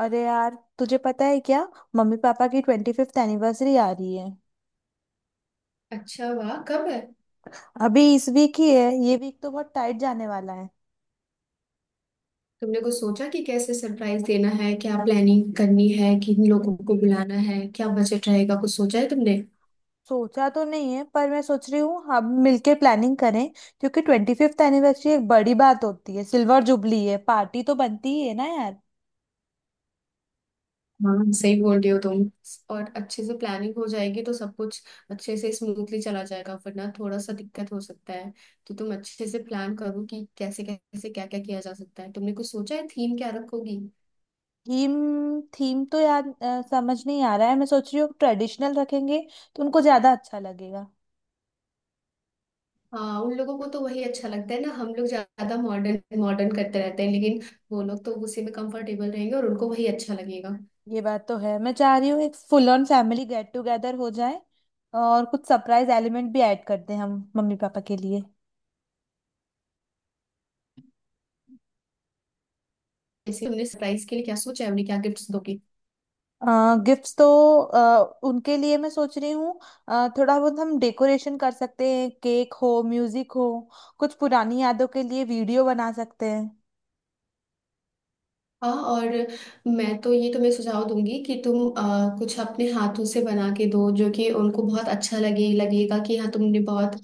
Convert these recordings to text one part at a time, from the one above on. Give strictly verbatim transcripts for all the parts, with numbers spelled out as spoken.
अरे यार, तुझे पता है क्या? मम्मी पापा की ट्वेंटी फिफ्थ एनिवर्सरी आ रही है। अच्छा, वाह, कब है। अभी इस वीक ही है। ये वीक तो बहुत टाइट जाने वाला है। तुमने कुछ सोचा कि कैसे सरप्राइज देना है, क्या प्लानिंग करनी है, किन लोगों को बुलाना है, क्या बजट रहेगा, कुछ सोचा है तुमने। सोचा तो नहीं है, पर मैं सोच रही हूँ हम मिलके प्लानिंग करें। क्योंकि ट्वेंटी फिफ्थ एनिवर्सरी एक बड़ी बात होती है, सिल्वर जुबली है, पार्टी तो बनती ही है ना यार। हाँ, सही बोल रही हो तुम। और अच्छे से प्लानिंग हो जाएगी तो सब कुछ अच्छे से स्मूथली चला जाएगा, वरना थोड़ा सा दिक्कत हो सकता है। तो तुम अच्छे से प्लान करो कि कैसे कैसे क्या क्या किया जा सकता है। तुमने कुछ सोचा है थीम क्या रखोगी। थीम थीम तो यार अ, समझ नहीं आ रहा है। मैं सोच रही हूँ ट्रेडिशनल रखेंगे तो उनको ज्यादा अच्छा लगेगा। हाँ, उन लोगों को तो वही अच्छा लगता है ना। हम लोग ज्यादा मॉडर्न मॉडर्न करते रहते हैं, लेकिन वो लोग तो उसी में कंफर्टेबल रहेंगे और उनको वही अच्छा लगेगा। ये बात तो है, मैं चाह रही हूँ एक full on family get together हो जाए और कुछ सरप्राइज एलिमेंट भी ऐड कर दें हम मम्मी पापा के लिए। जैसे तुमने सरप्राइज के लिए क्या सोचा है, उन्हें क्या गिफ्ट्स दोगी। गिफ्ट्स तो अ, उनके लिए मैं सोच रही हूँ। अ, थोड़ा बहुत हम डेकोरेशन कर सकते हैं, केक हो, म्यूजिक हो, कुछ पुरानी यादों के लिए वीडियो बना सकते हैं। हाँ, और मैं तो ये तुम्हें सुझाव दूंगी कि तुम अ, कुछ अपने हाथों से बना के दो जो कि उनको बहुत अच्छा लगे। लगेगा कि हाँ तुमने बहुत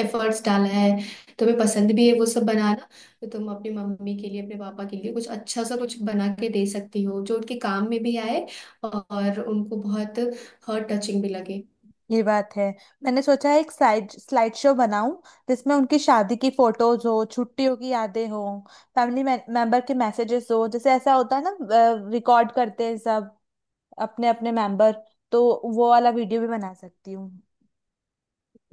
एफर्ट्स डाला है। तुम्हें पसंद भी है वो सब बनाना। तो तुम अपनी मम्मी के लिए, अपने पापा के लिए कुछ अच्छा सा कुछ बना के दे सकती हो जो उनके काम में भी आए और उनको बहुत हर्ट टचिंग भी लगे। ये बात है, मैंने सोचा है एक स्लाइड स्लाइड शो बनाऊं जिसमें उनकी शादी की फोटोज हो, छुट्टियों की यादें हो, फैमिली मेंबर के मैसेजेस हो। जैसे ऐसा होता है ना, रिकॉर्ड करते हैं सब, अपने अपने मेंबर। तो वो वाला वीडियो भी बना सकती हूँ।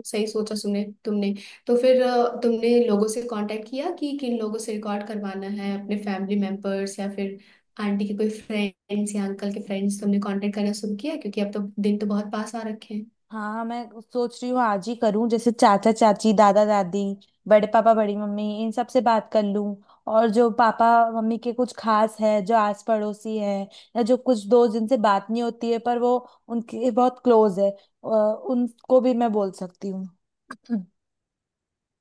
सही सोचा सुने तुमने। तो फिर अ, तुमने लोगों से कांटेक्ट किया कि किन लोगों से रिकॉर्ड करवाना है, अपने फैमिली मेंबर्स या फिर आंटी के कोई फ्रेंड्स या अंकल के फ्रेंड्स, तुमने कांटेक्ट करना शुरू किया, क्योंकि अब तो दिन तो बहुत पास आ रखे हैं। हाँ हाँ, मैं सोच रही हूँ आज ही करूँ। जैसे चाचा चाची, दादा दादी, बड़े पापा, बड़ी मम्मी, इन सब से बात कर लूँ। और जो पापा मम्मी के कुछ खास है, जो आस पड़ोसी है, या जो कुछ दोस्त जिनसे बात नहीं होती है पर वो उनके बहुत क्लोज है, अ, उनको भी मैं बोल सकती हूँ।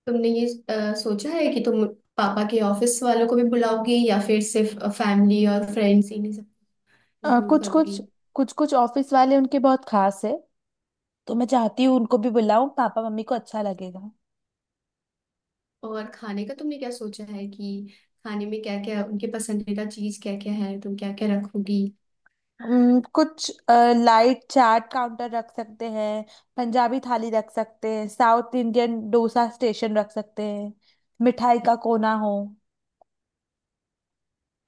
तुमने ये अ, सोचा है कि तुम पापा के ऑफिस वालों को भी बुलाओगी या फिर सिर्फ फैमिली और फ्रेंड्स, इन्हें सब अ, इंक्लूड कुछ करोगी। कुछ कुछ कुछ ऑफिस वाले उनके बहुत खास है, तो मैं चाहती हूँ उनको भी बुलाऊं, पापा मम्मी को अच्छा लगेगा। और खाने का तुमने क्या सोचा है कि खाने में क्या क्या, उनके पसंदीदा चीज क्या क्या है, तुम क्या क्या रखोगी। हम्म, कुछ लाइट चाट काउंटर रख सकते हैं, पंजाबी थाली रख सकते हैं, साउथ इंडियन डोसा स्टेशन रख सकते हैं, मिठाई का कोना हो,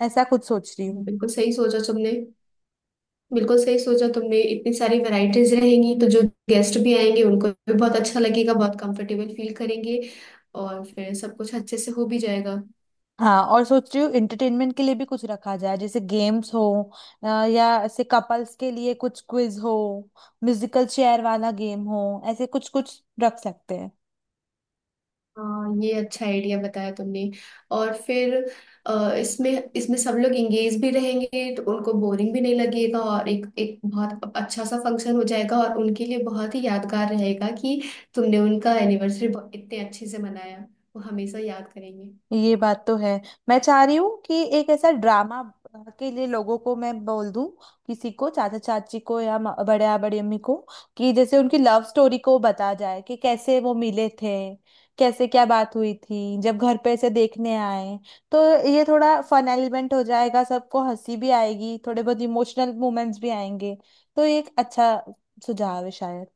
ऐसा कुछ सोच रही हूँ। बिल्कुल सही सोचा तुमने। बिल्कुल सही सोचा तुमने। इतनी सारी वैरायटीज रहेंगी तो जो गेस्ट भी आएंगे उनको भी बहुत अच्छा लगेगा, बहुत कंफर्टेबल फील करेंगे और फिर सब कुछ अच्छे से हो भी जाएगा। हाँ, और सोच रही हूँ एंटरटेनमेंट के लिए भी कुछ रखा जाए, जैसे गेम्स हो, अ, या ऐसे कपल्स के लिए कुछ क्विज हो, म्यूजिकल चेयर वाला गेम हो, ऐसे कुछ कुछ रख सकते हैं। हाँ, ये अच्छा आइडिया बताया तुमने। और फिर अ, इसमें इसमें सब लोग एंगेज भी रहेंगे तो उनको बोरिंग भी नहीं लगेगा और एक एक बहुत अच्छा सा फंक्शन हो जाएगा और उनके लिए बहुत ही यादगार रहेगा कि तुमने उनका एनिवर्सरी इतने अच्छे से मनाया। वो हमेशा याद करेंगे। ये बात तो है। मैं चाह रही हूँ कि एक ऐसा ड्रामा के लिए लोगों को मैं बोल दूं, किसी को चाचा चाची को या म- बड़े या बड़ी अम्मी को, कि जैसे उनकी लव स्टोरी को बता जाए कि कैसे वो मिले थे, कैसे क्या बात हुई थी, जब घर पे ऐसे देखने आए। तो ये थोड़ा फन एलिमेंट हो जाएगा, सबको हंसी भी आएगी, थोड़े बहुत इमोशनल मोमेंट्स भी आएंगे। तो ये एक अच्छा सुझाव है शायद।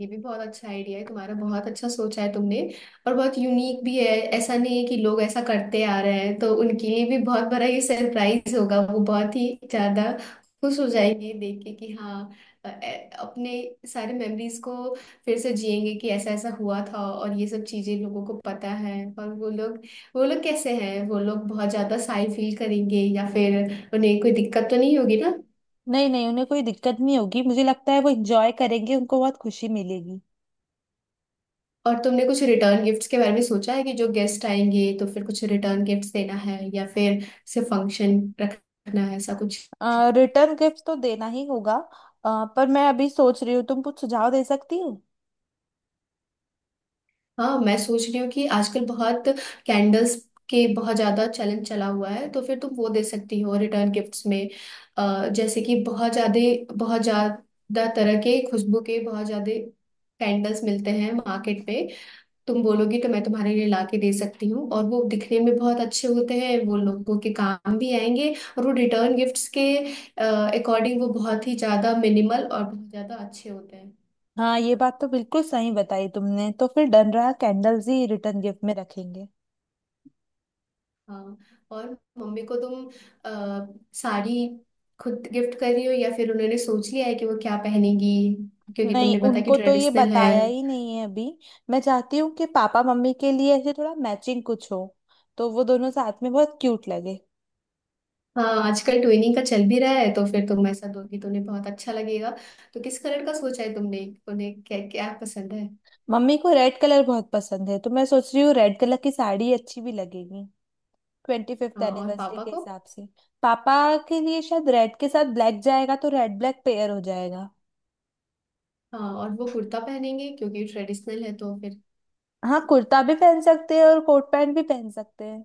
ये भी बहुत अच्छा आइडिया है तुम्हारा। बहुत अच्छा सोचा है तुमने और बहुत यूनिक भी है। ऐसा नहीं है कि लोग ऐसा करते आ रहे हैं, तो उनके लिए भी बहुत बड़ा ये सरप्राइज होगा। वो बहुत ही ज्यादा खुश हो जाएंगे देख के कि हाँ, अ- अ- अपने सारे मेमोरीज को फिर से जिएंगे कि ऐसा ऐसा हुआ था। और ये सब चीजें लोगों को पता है और वो लोग वो लोग कैसे हैं, वो लोग बहुत ज्यादा साई फील करेंगे या फिर उन्हें कोई दिक्कत तो नहीं होगी ना। नहीं नहीं, उन्हें कोई दिक्कत नहीं होगी, मुझे लगता है वो इंजॉय करेंगे, उनको बहुत खुशी मिलेगी। और तुमने कुछ रिटर्न गिफ्ट्स के बारे में सोचा है कि जो गेस्ट आएंगे तो फिर कुछ रिटर्न गिफ्ट्स देना है या फिर सिर्फ फंक्शन रखना है, ऐसा कुछ। रिटर्न गिफ्ट तो देना ही होगा। अ, पर मैं अभी सोच रही हूँ, तुम कुछ सुझाव दे सकती हो। हाँ, मैं सोच रही हूँ कि आजकल बहुत कैंडल्स के बहुत ज्यादा चलन चला हुआ है, तो फिर तुम वो दे सकती हो रिटर्न गिफ्ट्स में। अ, जैसे कि बहुत ज्यादा, बहुत ज्यादा तरह के खुशबू के, बहुत ज्यादा कैंडल्स मिलते हैं मार्केट में। तुम बोलोगी तो मैं तुम्हारे लिए ला के दे सकती हूँ, और वो दिखने में बहुत अच्छे होते हैं, वो लोगों के काम भी आएंगे। और वो रिटर्न गिफ्ट्स के अकॉर्डिंग वो बहुत ही ज्यादा मिनिमल और बहुत ज्यादा अच्छे होते हैं। हाँ, ये बात तो बिल्कुल सही बताई तुमने, तो फिर डन रहा, कैंडल्स ही रिटर्न गिफ्ट में रखेंगे। हाँ। और मम्मी को तुम अ, साड़ी खुद गिफ्ट कर रही हो या फिर उन्होंने सोच लिया है कि वो क्या पहनेगी, क्योंकि नहीं, तुमने बताया कि उनको तो ये ट्रेडिशनल है। बताया ही नहीं है अभी। मैं चाहती हूँ कि पापा मम्मी के लिए ऐसे थोड़ा मैचिंग कुछ हो, तो वो दोनों साथ में बहुत क्यूट लगे। हाँ, आजकल ट्विनिंग का चल भी रहा है, तो फिर तुम ऐसा दोगी तो उन्हें बहुत अच्छा लगेगा। तो किस कलर का सोचा है तुमने, उन्हें क्या क्या पसंद है। मम्मी को रेड कलर बहुत पसंद है, तो मैं सोच रही हूँ रेड कलर की साड़ी अच्छी भी लगेगी ट्वेंटी फिफ्थ हाँ, और एनिवर्सरी पापा के को। हिसाब से। पापा के लिए शायद रेड के साथ ब्लैक जाएगा, तो रेड ब्लैक पेयर हो जाएगा। हाँ, और वो कुर्ता पहनेंगे क्योंकि ट्रेडिशनल है तो फिर। हाँ, कुर्ता भी पहन सकते हैं और कोट पैंट भी पहन सकते हैं।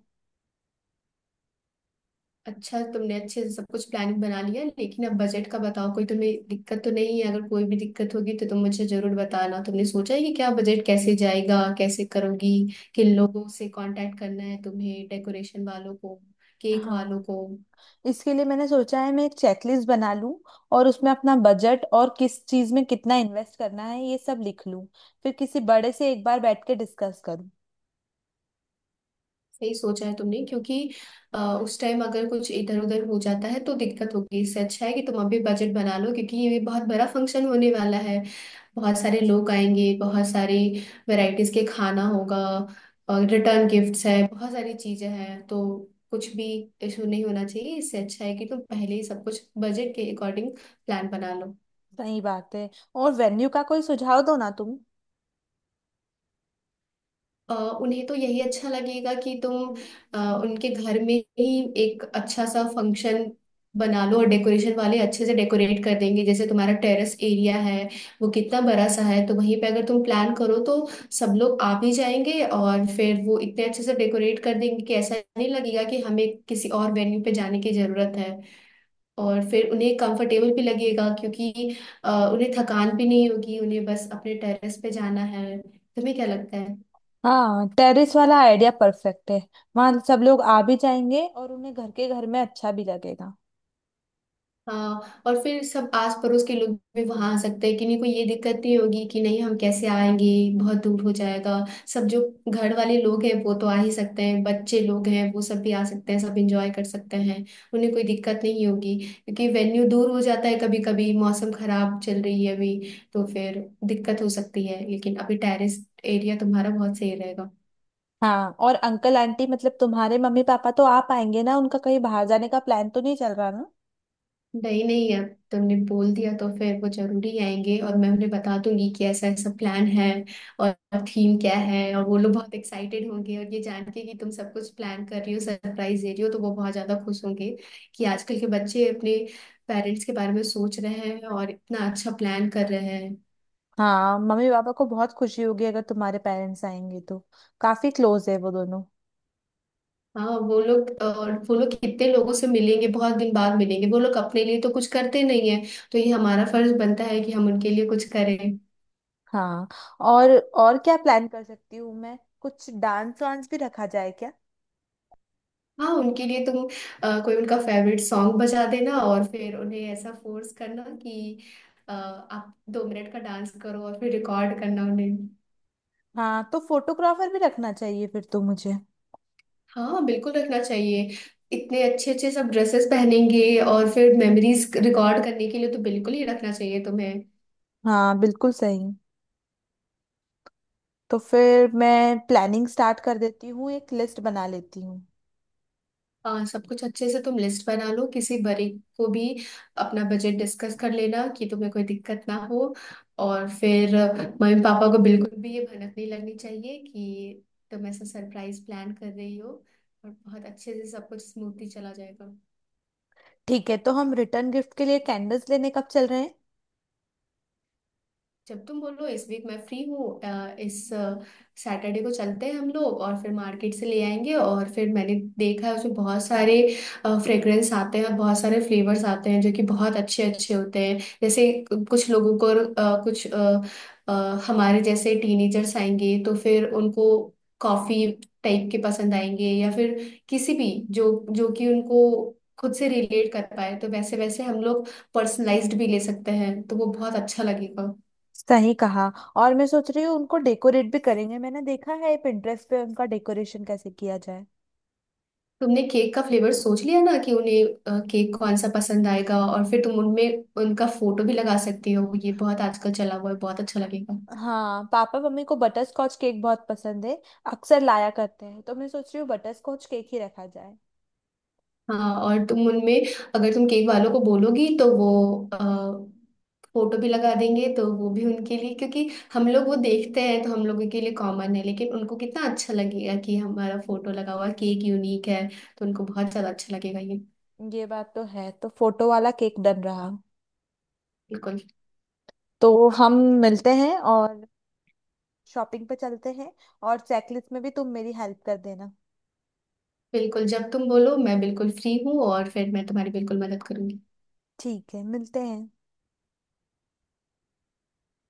अच्छा, तुमने अच्छे से सब कुछ प्लानिंग बना लिया, लेकिन अब बजट का बताओ, कोई तुम्हें दिक्कत तो नहीं है। अगर कोई भी दिक्कत होगी तो तुम मुझे जरूर बताना। तुमने सोचा है कि क्या बजट कैसे जाएगा, कैसे करोगी, किन लोगों से कांटेक्ट करना है तुम्हें, डेकोरेशन वालों को, केक वालों हाँ, को। इसके लिए मैंने सोचा है मैं एक चेकलिस्ट बना लूं और उसमें अपना बजट और किस चीज में कितना इन्वेस्ट करना है ये सब लिख लूं, फिर किसी बड़े से एक बार बैठ के डिस्कस करूं। सही सोचा है तुमने, क्योंकि अ, उस टाइम अगर कुछ इधर उधर हो जाता है तो दिक्कत होगी। इससे अच्छा है कि तुम अभी बजट बना लो, क्योंकि ये बहुत बड़ा फंक्शन होने वाला है। बहुत सारे लोग आएंगे, बहुत सारी वैरायटीज के खाना होगा, और रिटर्न गिफ्ट्स है, बहुत सारी चीजें हैं, तो कुछ भी इशू नहीं होना चाहिए। इससे अच्छा है कि तुम पहले ही सब कुछ बजट के अकॉर्डिंग प्लान बना लो। सही बात है। और वेन्यू का कोई सुझाव दो ना तुम। अ, उन्हें तो यही अच्छा लगेगा कि तुम अ, उनके घर में ही एक अच्छा सा फंक्शन बना लो, और डेकोरेशन वाले अच्छे से डेकोरेट कर देंगे। जैसे तुम्हारा टेरेस एरिया है, वो कितना बड़ा सा है, तो वहीं पे अगर तुम प्लान करो तो सब लोग आ भी जाएंगे और फिर वो इतने अच्छे से डेकोरेट कर देंगे कि ऐसा नहीं लगेगा कि हमें किसी और वेन्यू पे जाने की जरूरत है। और फिर उन्हें कंफर्टेबल भी लगेगा क्योंकि अ, उन्हें थकान भी नहीं होगी, उन्हें बस अपने टेरेस पे जाना है। तुम्हें क्या लगता है। हाँ, टेरेस वाला आइडिया परफेक्ट है, वहां सब लोग आ भी जाएंगे और उन्हें घर के घर में अच्छा भी लगेगा। हाँ, और फिर सब आस पड़ोस के लोग भी वहां आ सकते हैं, किन्हीं को ये दिक्कत नहीं होगी कि नहीं हम कैसे आएंगे, बहुत दूर हो जाएगा। सब जो घर वाले लोग हैं वो तो आ ही सकते हैं, बच्चे लोग हैं वो सब भी आ सकते हैं, सब एंजॉय कर सकते हैं। उन्हें कोई दिक्कत नहीं होगी। क्योंकि वेन्यू दूर हो जाता है, कभी कभी मौसम खराब चल रही है अभी, तो फिर दिक्कत हो सकती है, लेकिन अभी टेरेस एरिया तुम्हारा बहुत सही रहेगा। हाँ, और अंकल आंटी, मतलब तुम्हारे मम्मी पापा तो आ पाएंगे ना? उनका कहीं बाहर जाने का प्लान तो नहीं चल रहा ना? नहीं नहीं, अब तुमने बोल दिया तो फिर वो जरूरी आएंगे, और मैं उन्हें बता दूंगी कि ऐसा ऐसा प्लान है और थीम क्या है। और वो लोग बहुत एक्साइटेड होंगे, और ये जान के कि तुम सब कुछ प्लान कर रही हो, सरप्राइज दे रही हो, तो वो बहुत ज्यादा खुश होंगे कि आजकल के बच्चे अपने पेरेंट्स के बारे में सोच रहे हैं और इतना अच्छा प्लान कर रहे हैं। हाँ, मम्मी पापा को बहुत खुशी होगी अगर तुम्हारे पेरेंट्स आएंगे तो। काफी क्लोज है वो दोनों। हाँ, वो लोग, और वो लोग कितने लोगों से मिलेंगे, बहुत दिन बाद मिलेंगे। वो लोग अपने लिए तो कुछ करते नहीं है, तो ये हमारा फर्ज बनता है कि हम उनके लिए कुछ करें। हाँ, और और क्या प्लान कर सकती हूँ मैं? कुछ डांस वांस भी रखा जाए क्या? हाँ, उनके लिए तुम अ, कोई उनका फेवरेट सॉन्ग बजा देना और फिर उन्हें ऐसा फोर्स करना कि अ, आप दो मिनट का डांस करो और फिर रिकॉर्ड करना उन्हें। हाँ, तो फोटोग्राफर भी रखना चाहिए फिर तो मुझे। हाँ, बिल्कुल रखना चाहिए। इतने अच्छे अच्छे सब ड्रेसेस पहनेंगे, और फिर मेमोरीज रिकॉर्ड करने के लिए तो बिल्कुल ही रखना चाहिए तुम्हें। हाँ, बिल्कुल सही। तो फिर मैं प्लानिंग स्टार्ट कर देती हूँ, एक लिस्ट बना लेती हूँ। हाँ, सब कुछ अच्छे से तुम लिस्ट बना लो, किसी बड़े को भी अपना बजट डिस्कस कर लेना कि तुम्हें कोई दिक्कत ना हो। और फिर मम्मी पापा को बिल्कुल भी ये भनक नहीं लगनी चाहिए कि तुम ऐसा सरप्राइज प्लान कर रही हो, और बहुत अच्छे से सब कुछ स्मूथली चला जाएगा। ठीक है, तो हम रिटर्न गिफ्ट के लिए कैंडल्स लेने कब चल रहे हैं? जब तुम बोलो, इस वीक मैं फ्री हूँ। अ, इस सैटरडे को चलते हैं हम लोग, और फिर मार्केट से ले आएंगे। और फिर मैंने देखा है उसमें बहुत सारे फ्रेग्रेंस आते हैं और बहुत सारे फ्लेवर्स आते हैं जो कि बहुत अच्छे अच्छे होते हैं। जैसे कुछ लोगों को अ, कुछ अ, अ, हमारे जैसे टीनेजर्स आएंगे तो फिर उनको कॉफी टाइप के पसंद आएंगे, या फिर किसी भी जो जो कि उनको खुद से रिलेट कर पाए, तो वैसे वैसे हम लोग पर्सनलाइज्ड भी ले सकते हैं, तो वो बहुत अच्छा लगेगा। सही कहा। और मैं सोच रही हूँ उनको डेकोरेट भी करेंगे, मैंने देखा है पिंटरेस्ट पे उनका डेकोरेशन कैसे किया जाए। तुमने केक का फ्लेवर सोच लिया ना कि उन्हें अ, केक कौन सा पसंद आएगा। और फिर तुम उनमें उनका फोटो भी लगा सकती हो, ये बहुत आजकल चला हुआ है, बहुत अच्छा लगेगा। हाँ, पापा मम्मी को बटर स्कॉच केक बहुत पसंद है, अक्सर लाया करते हैं, तो मैं सोच रही हूँ बटर स्कॉच केक ही रखा जाए। हाँ, और तुम उनमें, अगर तुम केक वालों को बोलोगी तो वो अ, फोटो भी लगा देंगे, तो वो भी उनके लिए। क्योंकि हम लोग वो देखते हैं तो हम लोगों के लिए कॉमन है, लेकिन उनको कितना अच्छा लगेगा कि हमारा फोटो लगा हुआ केक यूनिक है, तो उनको बहुत ज्यादा अच्छा लगेगा ये। ये बात तो है, तो फोटो वाला केक डन रहा। बिल्कुल। तो हम मिलते हैं और शॉपिंग पे चलते हैं, और चेकलिस्ट में भी तुम मेरी हेल्प कर देना। बिल्कुल, जब तुम बोलो मैं बिल्कुल फ्री हूँ, और फिर मैं तुम्हारी बिल्कुल मदद करूंगी। ठीक है, मिलते हैं।